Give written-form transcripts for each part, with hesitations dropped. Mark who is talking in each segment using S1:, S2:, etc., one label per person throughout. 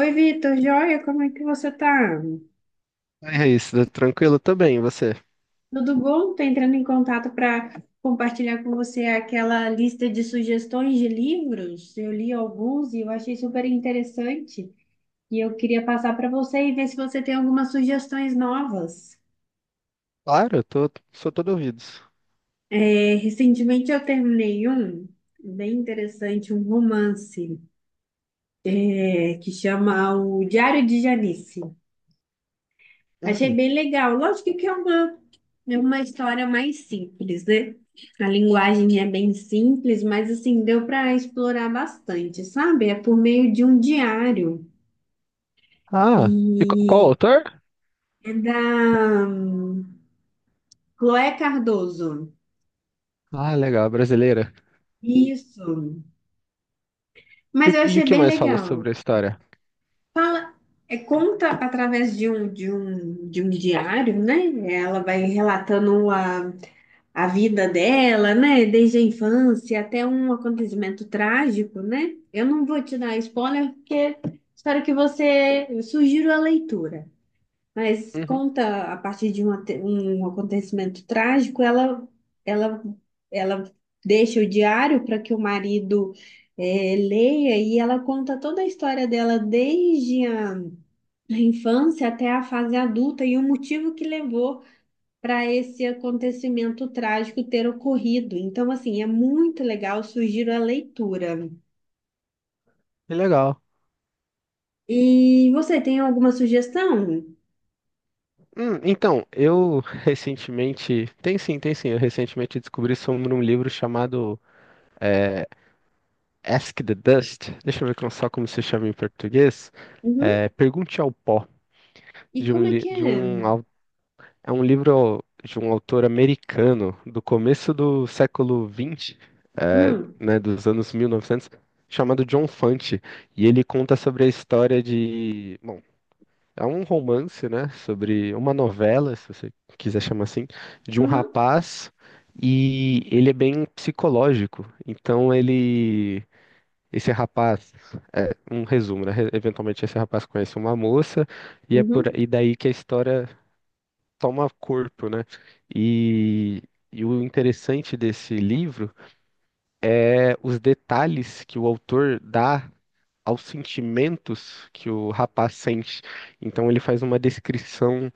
S1: Oi, Vitor, joia, como é que você tá?
S2: Oi, Raíssa, tranquilo também, e você?
S1: Tudo bom? Tô entrando em contato para compartilhar com você aquela lista de sugestões de livros. Eu li alguns e eu achei super interessante e eu queria passar para você e ver se você tem algumas sugestões novas.
S2: Claro, eu tô, sou todo ouvidos.
S1: Recentemente eu terminei um bem interessante, um romance, que chama O Diário de Janice. Achei
S2: Uhum.
S1: bem legal. Lógico que é uma história mais simples, né? A linguagem é bem simples, mas assim, deu para explorar bastante, sabe? É por meio de um diário.
S2: Ah, e qual
S1: E
S2: autor?
S1: é da Chloé Cardoso.
S2: Ah, legal, brasileira.
S1: Isso.
S2: E
S1: Mas
S2: o
S1: eu
S2: que
S1: achei bem
S2: mais fala
S1: legal.
S2: sobre a história?
S1: Fala, conta através de um diário, né? Ela vai relatando a vida dela, né? Desde a infância até um acontecimento trágico, né? Eu não vou te dar spoiler porque espero que você eu sugiro a leitura. Mas
S2: Uhum.
S1: conta a partir de um, um acontecimento trágico, ela ela ela deixa o diário para que o marido leia e ela conta toda a história dela desde a infância até a fase adulta e o motivo que levou para esse acontecimento trágico ter ocorrido. Então, assim, é muito legal, sugiro a leitura.
S2: Que legal.
S1: E você tem alguma sugestão?
S2: Então, eu recentemente. Tem sim, tem sim. Eu recentemente descobri sobre um livro chamado é, Ask the Dust. Deixa eu ver só como se chama em português.
S1: Uhum.
S2: É, Pergunte ao Pó,
S1: E
S2: de um,
S1: como é que é?
S2: é um livro de um autor americano do começo do século XX, é,
S1: Hum.
S2: né, dos anos 1900, chamado John Fante. E ele conta sobre a história de. Bom, é um romance, né? Sobre uma novela, se você quiser chamar assim, de um
S1: Uhum.
S2: rapaz, e ele é bem psicológico. Então ele, esse rapaz, um resumo, né? Eventualmente esse rapaz conhece uma moça, e é por
S1: Uhum.
S2: e daí que a história toma corpo, né? E E o interessante desse livro é os detalhes que o autor dá aos sentimentos que o rapaz sente. Então ele faz uma descrição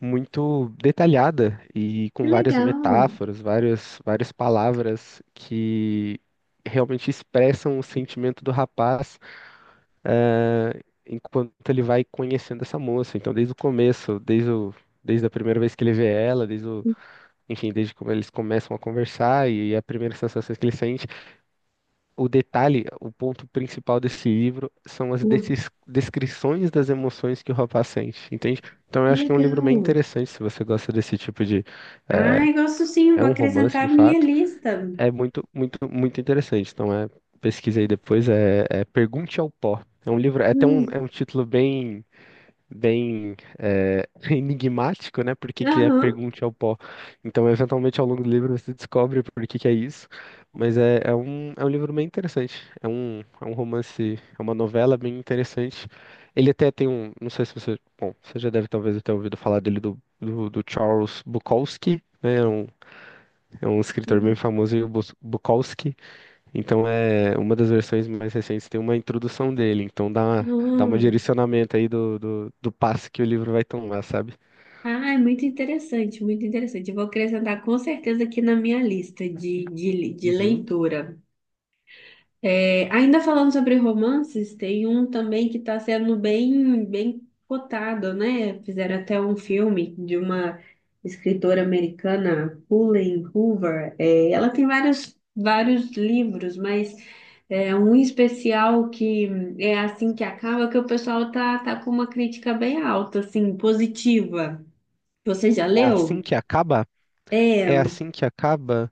S2: muito detalhada e
S1: Que
S2: com várias
S1: legal.
S2: metáforas, várias, várias palavras que realmente expressam o sentimento do rapaz enquanto ele vai conhecendo essa moça. Então, desde o começo, desde a primeira vez que ele vê ela, enfim, desde como eles começam a conversar e a primeira sensação que ele sente, o detalhe, o ponto principal desse livro são as
S1: Uhum.
S2: descrições das emoções que o rapaz sente, entende? Então, eu
S1: Que
S2: acho que é um livro bem
S1: legal.
S2: interessante se você gosta desse tipo de eh,
S1: Ai, gosto sim,
S2: é
S1: vou
S2: um romance
S1: acrescentar
S2: de
S1: a minha
S2: fato,
S1: lista.
S2: é muito, muito, muito interessante. Então é, pesquisa aí depois, é Pergunte ao Pó. É um livro, é
S1: Hum.
S2: um título bem, bem é, enigmático, né? Por que que é
S1: Aham.
S2: Pergunte ao Pó? Então, eventualmente, ao longo do livro, você descobre por que que é isso. Mas é, é um livro bem interessante. É um romance, é uma novela bem interessante. Ele até tem um, não sei se você, bom, você já deve talvez ter ouvido falar dele do Charles Bukowski, né? É um escritor bem famoso, o Bukowski. Então, é uma das versões mais recentes tem uma introdução dele. Então, dá, dá um
S1: Uhum.
S2: direcionamento aí do passo que o livro vai tomar, sabe?
S1: Ah, é muito interessante, muito interessante. Eu vou acrescentar com certeza aqui na minha lista de
S2: Uhum.
S1: leitura. É, ainda falando sobre romances, tem um também que está sendo bem cotado, né? Fizeram até um filme de uma escritora americana, Helen Hoover. É, ela tem vários livros, mas é um especial que é assim que acaba, que o pessoal tá com uma crítica bem alta, assim, positiva. Você já
S2: É assim
S1: leu?
S2: que acaba?
S1: É,
S2: É assim que acaba?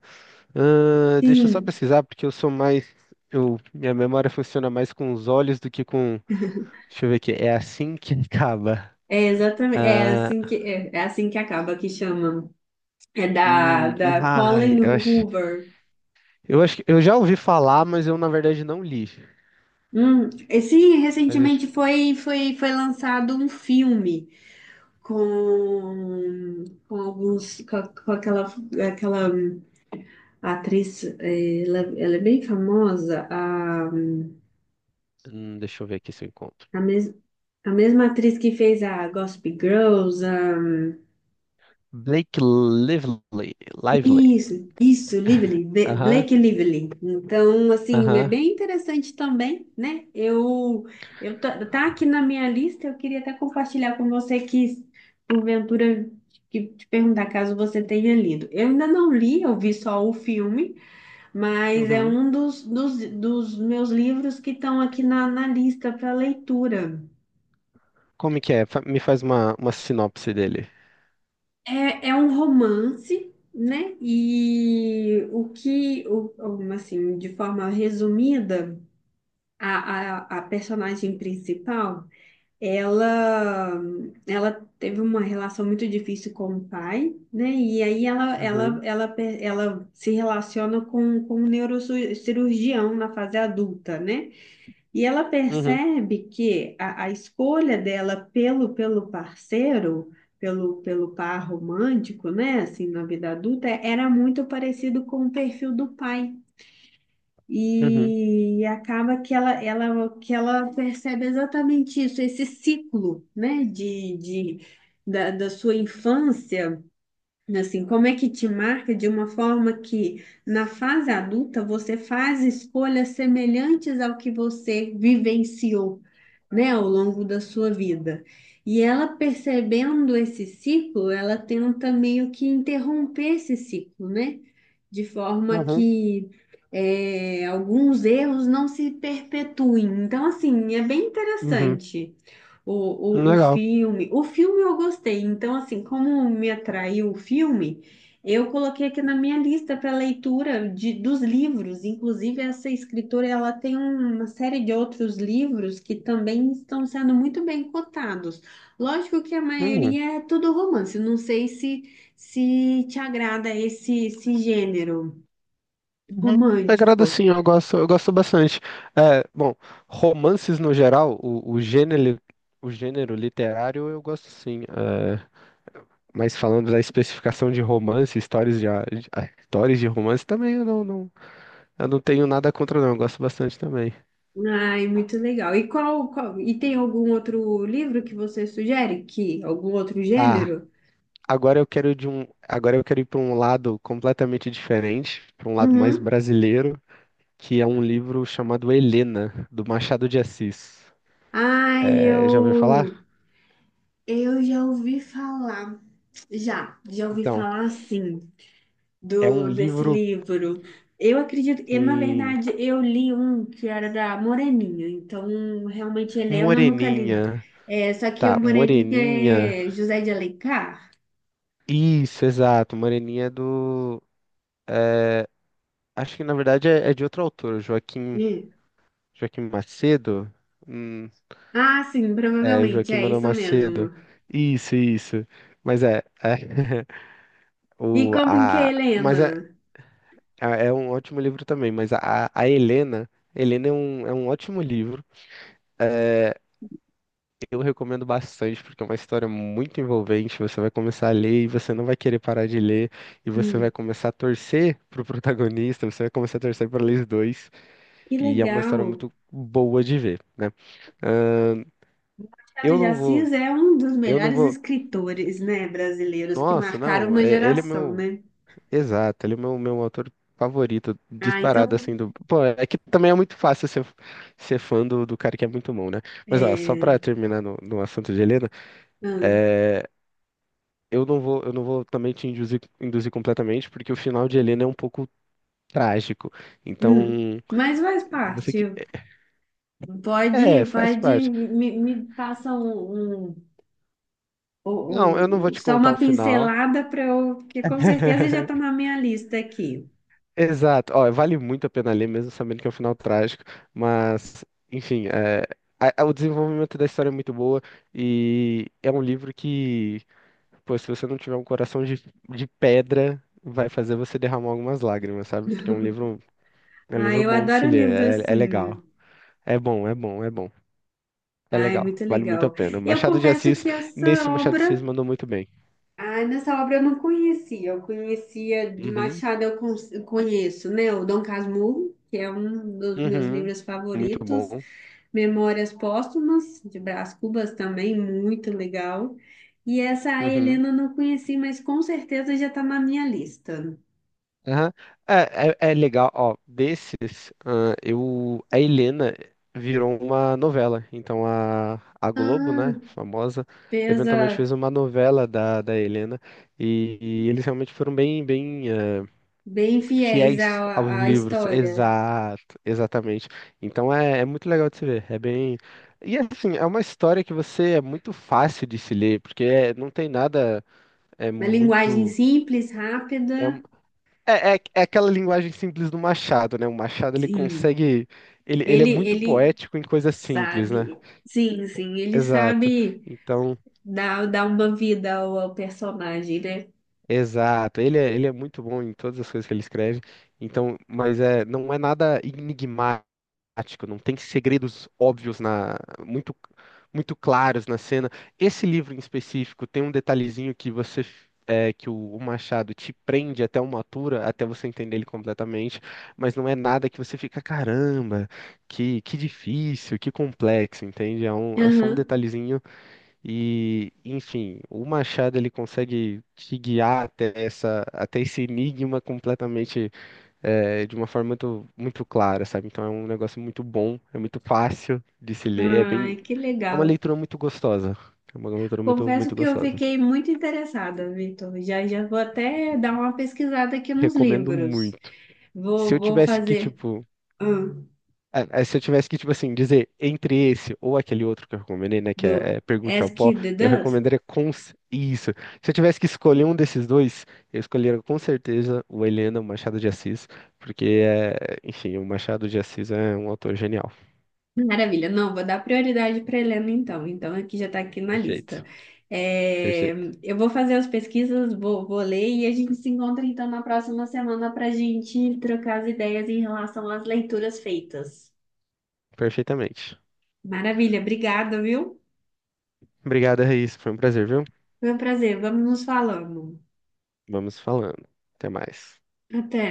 S2: Deixa eu só
S1: sim,
S2: pesquisar, porque eu sou mais. Eu, minha memória funciona mais com os olhos do que com. Deixa eu ver aqui. É assim que acaba.
S1: é exatamente,
S2: Ah,
S1: é assim que acaba, que chama. É da
S2: ai,
S1: Colin Hoover.
S2: eu acho que eu já ouvi falar, mas eu na verdade não li.
S1: E sim,
S2: Mas eu,
S1: recentemente foi lançado um filme com alguns com, a- com aquela, aquela atriz, ela é bem famosa,
S2: Deixa eu ver aqui se eu encontro.
S1: a, mes, a mesma atriz que fez a Gossip Girls.
S2: Blake Lively. Lively.
S1: Isso, Lively,
S2: Aham,
S1: Blake Lively. Então, assim, é
S2: aham.
S1: bem interessante também, né? Eu tá, tá aqui na minha lista, eu queria até compartilhar com você que, porventura, que te perguntar caso você tenha lido. Eu ainda não li, eu vi só o filme, mas é
S2: Uhum.
S1: um dos meus livros que estão aqui na lista para leitura.
S2: Como que é? Me faz uma sinopse dele.
S1: É, é um romance, né? E o que, o- assim, de forma resumida, a personagem principal, ela, ela teve uma relação muito difícil com o pai, né? E aí
S2: Uhum,
S1: ela se relaciona com um neurocirurgião na fase adulta, né? E ela
S2: uhum,
S1: percebe que a escolha dela pelo parceiro, pelo par romântico, né, assim, na vida adulta, era muito parecido com o perfil do pai.
S2: uhum,
S1: E acaba que que ela percebe exatamente isso, esse ciclo, né, da sua infância. Assim, como é que te marca de uma forma que na fase adulta você faz escolhas semelhantes ao que você vivenciou, né, ao longo da sua vida. E ela percebendo esse ciclo, ela tenta meio que interromper esse ciclo, né? De forma
S2: uhum,
S1: que alguns erros não se perpetuem. Então, assim, é bem
S2: uhum.
S1: interessante. O
S2: Legal.
S1: filme. O filme eu gostei. Então, assim, como me atraiu o filme, eu coloquei aqui na minha lista para leitura dos livros. Inclusive, essa escritora, ela tem uma série de outros livros que também estão sendo muito bem cotados. Lógico que a
S2: Uhum,
S1: maioria é tudo romance. Não sei se te agrada esse gênero
S2: uhum. Agrada
S1: romântico.
S2: sim, eu gosto bastante. É, bom, romances no geral, o gênero literário eu gosto sim. É, mas falando da especificação de romance, histórias de, ah, histórias de romance também eu não, não, eu não tenho nada contra não, eu gosto bastante também.
S1: Ai, muito legal. E e tem algum outro livro que você sugere? Que algum outro
S2: Ah,
S1: gênero?
S2: agora eu quero ir para um lado completamente diferente, para um lado mais
S1: Uhum.
S2: brasileiro, que é um livro chamado Helena, do Machado de Assis.
S1: Ai,
S2: É, já ouviu falar?
S1: eu já ouvi falar, já ouvi
S2: Então,
S1: falar sim
S2: é um
S1: do desse
S2: livro
S1: livro. Eu acredito, e na
S2: em
S1: verdade eu li um que era da Moreninha, então realmente Helena eu nunca li.
S2: Moreninha,
S1: É, só que o
S2: tá? Moreninha.
S1: Moreninha é José de Alencar.
S2: Isso, exato. Moreninha é do, acho que na verdade é, é de outro autor, Joaquim,
S1: Hum.
S2: Joaquim Macedo. Hum,
S1: Ah, sim,
S2: é,
S1: provavelmente
S2: Joaquim
S1: é
S2: Manuel
S1: isso
S2: Macedo.
S1: mesmo.
S2: Isso, isso. Mas é, é.
S1: E
S2: O,
S1: como que é
S2: a, mas
S1: Helena?
S2: é, é um ótimo livro também, mas a Helena, Helena é um ótimo livro. Eu recomendo bastante, porque é uma história muito envolvente. Você vai começar a ler e você não vai querer parar de ler, e você vai
S1: Hum,
S2: começar a torcer pro protagonista, você vai começar a torcer para eles dois,
S1: que
S2: e é uma história
S1: legal.
S2: muito boa de ver, né?
S1: Machado
S2: Eu
S1: de
S2: não vou,
S1: Assis é um dos
S2: eu não
S1: melhores
S2: vou.
S1: escritores, né, brasileiros que
S2: Nossa,
S1: marcaram
S2: não,
S1: uma
S2: ele é
S1: geração,
S2: meu.
S1: né?
S2: Exato, ele é o meu, meu autor favorito,
S1: Ah,
S2: disparado
S1: então,
S2: assim do. Pô, é que também é muito fácil ser, ser fã do cara que é muito bom, né? Mas ó, só
S1: é,
S2: pra terminar no assunto de Helena,
S1: hum,
S2: é, eu não vou também te induzir, induzir completamente, porque o final de Helena é um pouco trágico.
S1: hum,
S2: Então,
S1: mas faz
S2: se você que.
S1: parte.
S2: É, faz
S1: Pode,
S2: parte.
S1: me passa
S2: Não, eu não vou
S1: um,
S2: te
S1: só
S2: contar o
S1: uma
S2: final.
S1: pincelada para eu, porque com certeza já está na minha lista aqui.
S2: Exato. Ó, vale muito a pena ler, mesmo sabendo que é um final trágico, mas, enfim, é, o desenvolvimento da história é muito boa e é um livro que, pô, se você não tiver um coração de pedra, vai fazer você derramar algumas lágrimas, sabe? Porque é um
S1: Ah,
S2: livro
S1: eu
S2: bom de se
S1: adoro
S2: ler,
S1: livro
S2: é, é
S1: assim.
S2: legal. É bom, é bom, é bom. É
S1: Ai,
S2: legal,
S1: muito
S2: vale muito a
S1: legal.
S2: pena.
S1: Eu
S2: Machado de
S1: confesso
S2: Assis,
S1: que essa
S2: nesse Machado de Assis
S1: obra
S2: mandou muito bem.
S1: Ai, nessa obra eu não conhecia. Eu conhecia de
S2: Uhum,
S1: Machado, eu conheço, né? O Dom Casmurro, que é um dos meus
S2: uhum,
S1: livros
S2: muito
S1: favoritos.
S2: bom.
S1: Memórias Póstumas, de Brás Cubas também, muito legal. E essa a
S2: Uhum.
S1: Helena eu não conheci, mas com certeza já está na minha lista.
S2: Aham. É, é, é legal, ó, desses, ah, eu, a Helena virou uma novela, então a Globo,
S1: Ah,
S2: né, famosa, eventualmente
S1: pesa
S2: fez uma novela da Helena, e eles realmente foram bem, bem, ah,
S1: bem fiéis
S2: fiéis aos
S1: à, à
S2: livros,
S1: história.
S2: exato, exatamente, então é, é muito legal de se ver, é bem, e assim, é uma história que você, é muito fácil de se ler, porque não tem nada, é
S1: Uma linguagem
S2: muito...
S1: simples,
S2: é
S1: rápida.
S2: é, é, é aquela linguagem simples do Machado, né? O Machado ele
S1: Sim,
S2: consegue. Ele é muito
S1: ele
S2: poético em coisas simples, né?
S1: sabe. Sim, sim, ele
S2: Exato.
S1: sabe.
S2: Então,
S1: Dá, dá uma vida ao, ao personagem, né?
S2: exato. Ele é muito bom em todas as coisas que ele escreve. Então, mas é, não é nada enigmático. Prático, não tem segredos óbvios na muito muito claros na cena. Esse livro em específico tem um detalhezinho que você é, que o Machado te prende até uma altura, até você entender ele completamente, mas não é nada que você fica, caramba, que difícil, que complexo, entende? É, um, é só um
S1: Aham.
S2: detalhezinho e, enfim, o Machado ele consegue te guiar até essa, até esse enigma completamente é, de uma forma muito, muito clara, sabe? Então é um negócio muito bom, é muito fácil de se ler, é bem,
S1: Ai, que
S2: é uma
S1: legal.
S2: leitura muito gostosa. É uma leitura muito,
S1: Confesso
S2: muito
S1: que eu
S2: gostosa.
S1: fiquei muito interessada, Vitor. Já vou até dar uma pesquisada aqui nos
S2: Recomendo
S1: livros.
S2: muito. Se eu
S1: Vou
S2: tivesse que,
S1: fazer
S2: tipo,
S1: hum,
S2: é, é, se eu tivesse que, tipo assim, dizer entre esse ou aquele outro que eu recomendei, né, que
S1: do
S2: é, é Pergunte ao
S1: Ask
S2: Pó,
S1: the
S2: eu
S1: Dust.
S2: recomendaria com isso. Se eu tivesse que escolher um desses dois, eu escolheria com certeza o Helena, o Machado de Assis, porque é, enfim, o Machado de Assis é um autor genial.
S1: Maravilha. Não, vou dar prioridade para Helena então. Então, aqui já está aqui na lista.
S2: Perfeito,
S1: É,
S2: perfeito.
S1: eu vou fazer as pesquisas, vou ler e a gente se encontra então na próxima semana para a gente trocar as ideias em relação às leituras feitas.
S2: Perfeitamente.
S1: Maravilha, obrigada, viu?
S2: Obrigado, Raíssa. Foi um prazer, viu?
S1: Foi um prazer. Vamos nos falando.
S2: Vamos falando. Até mais.
S1: Até.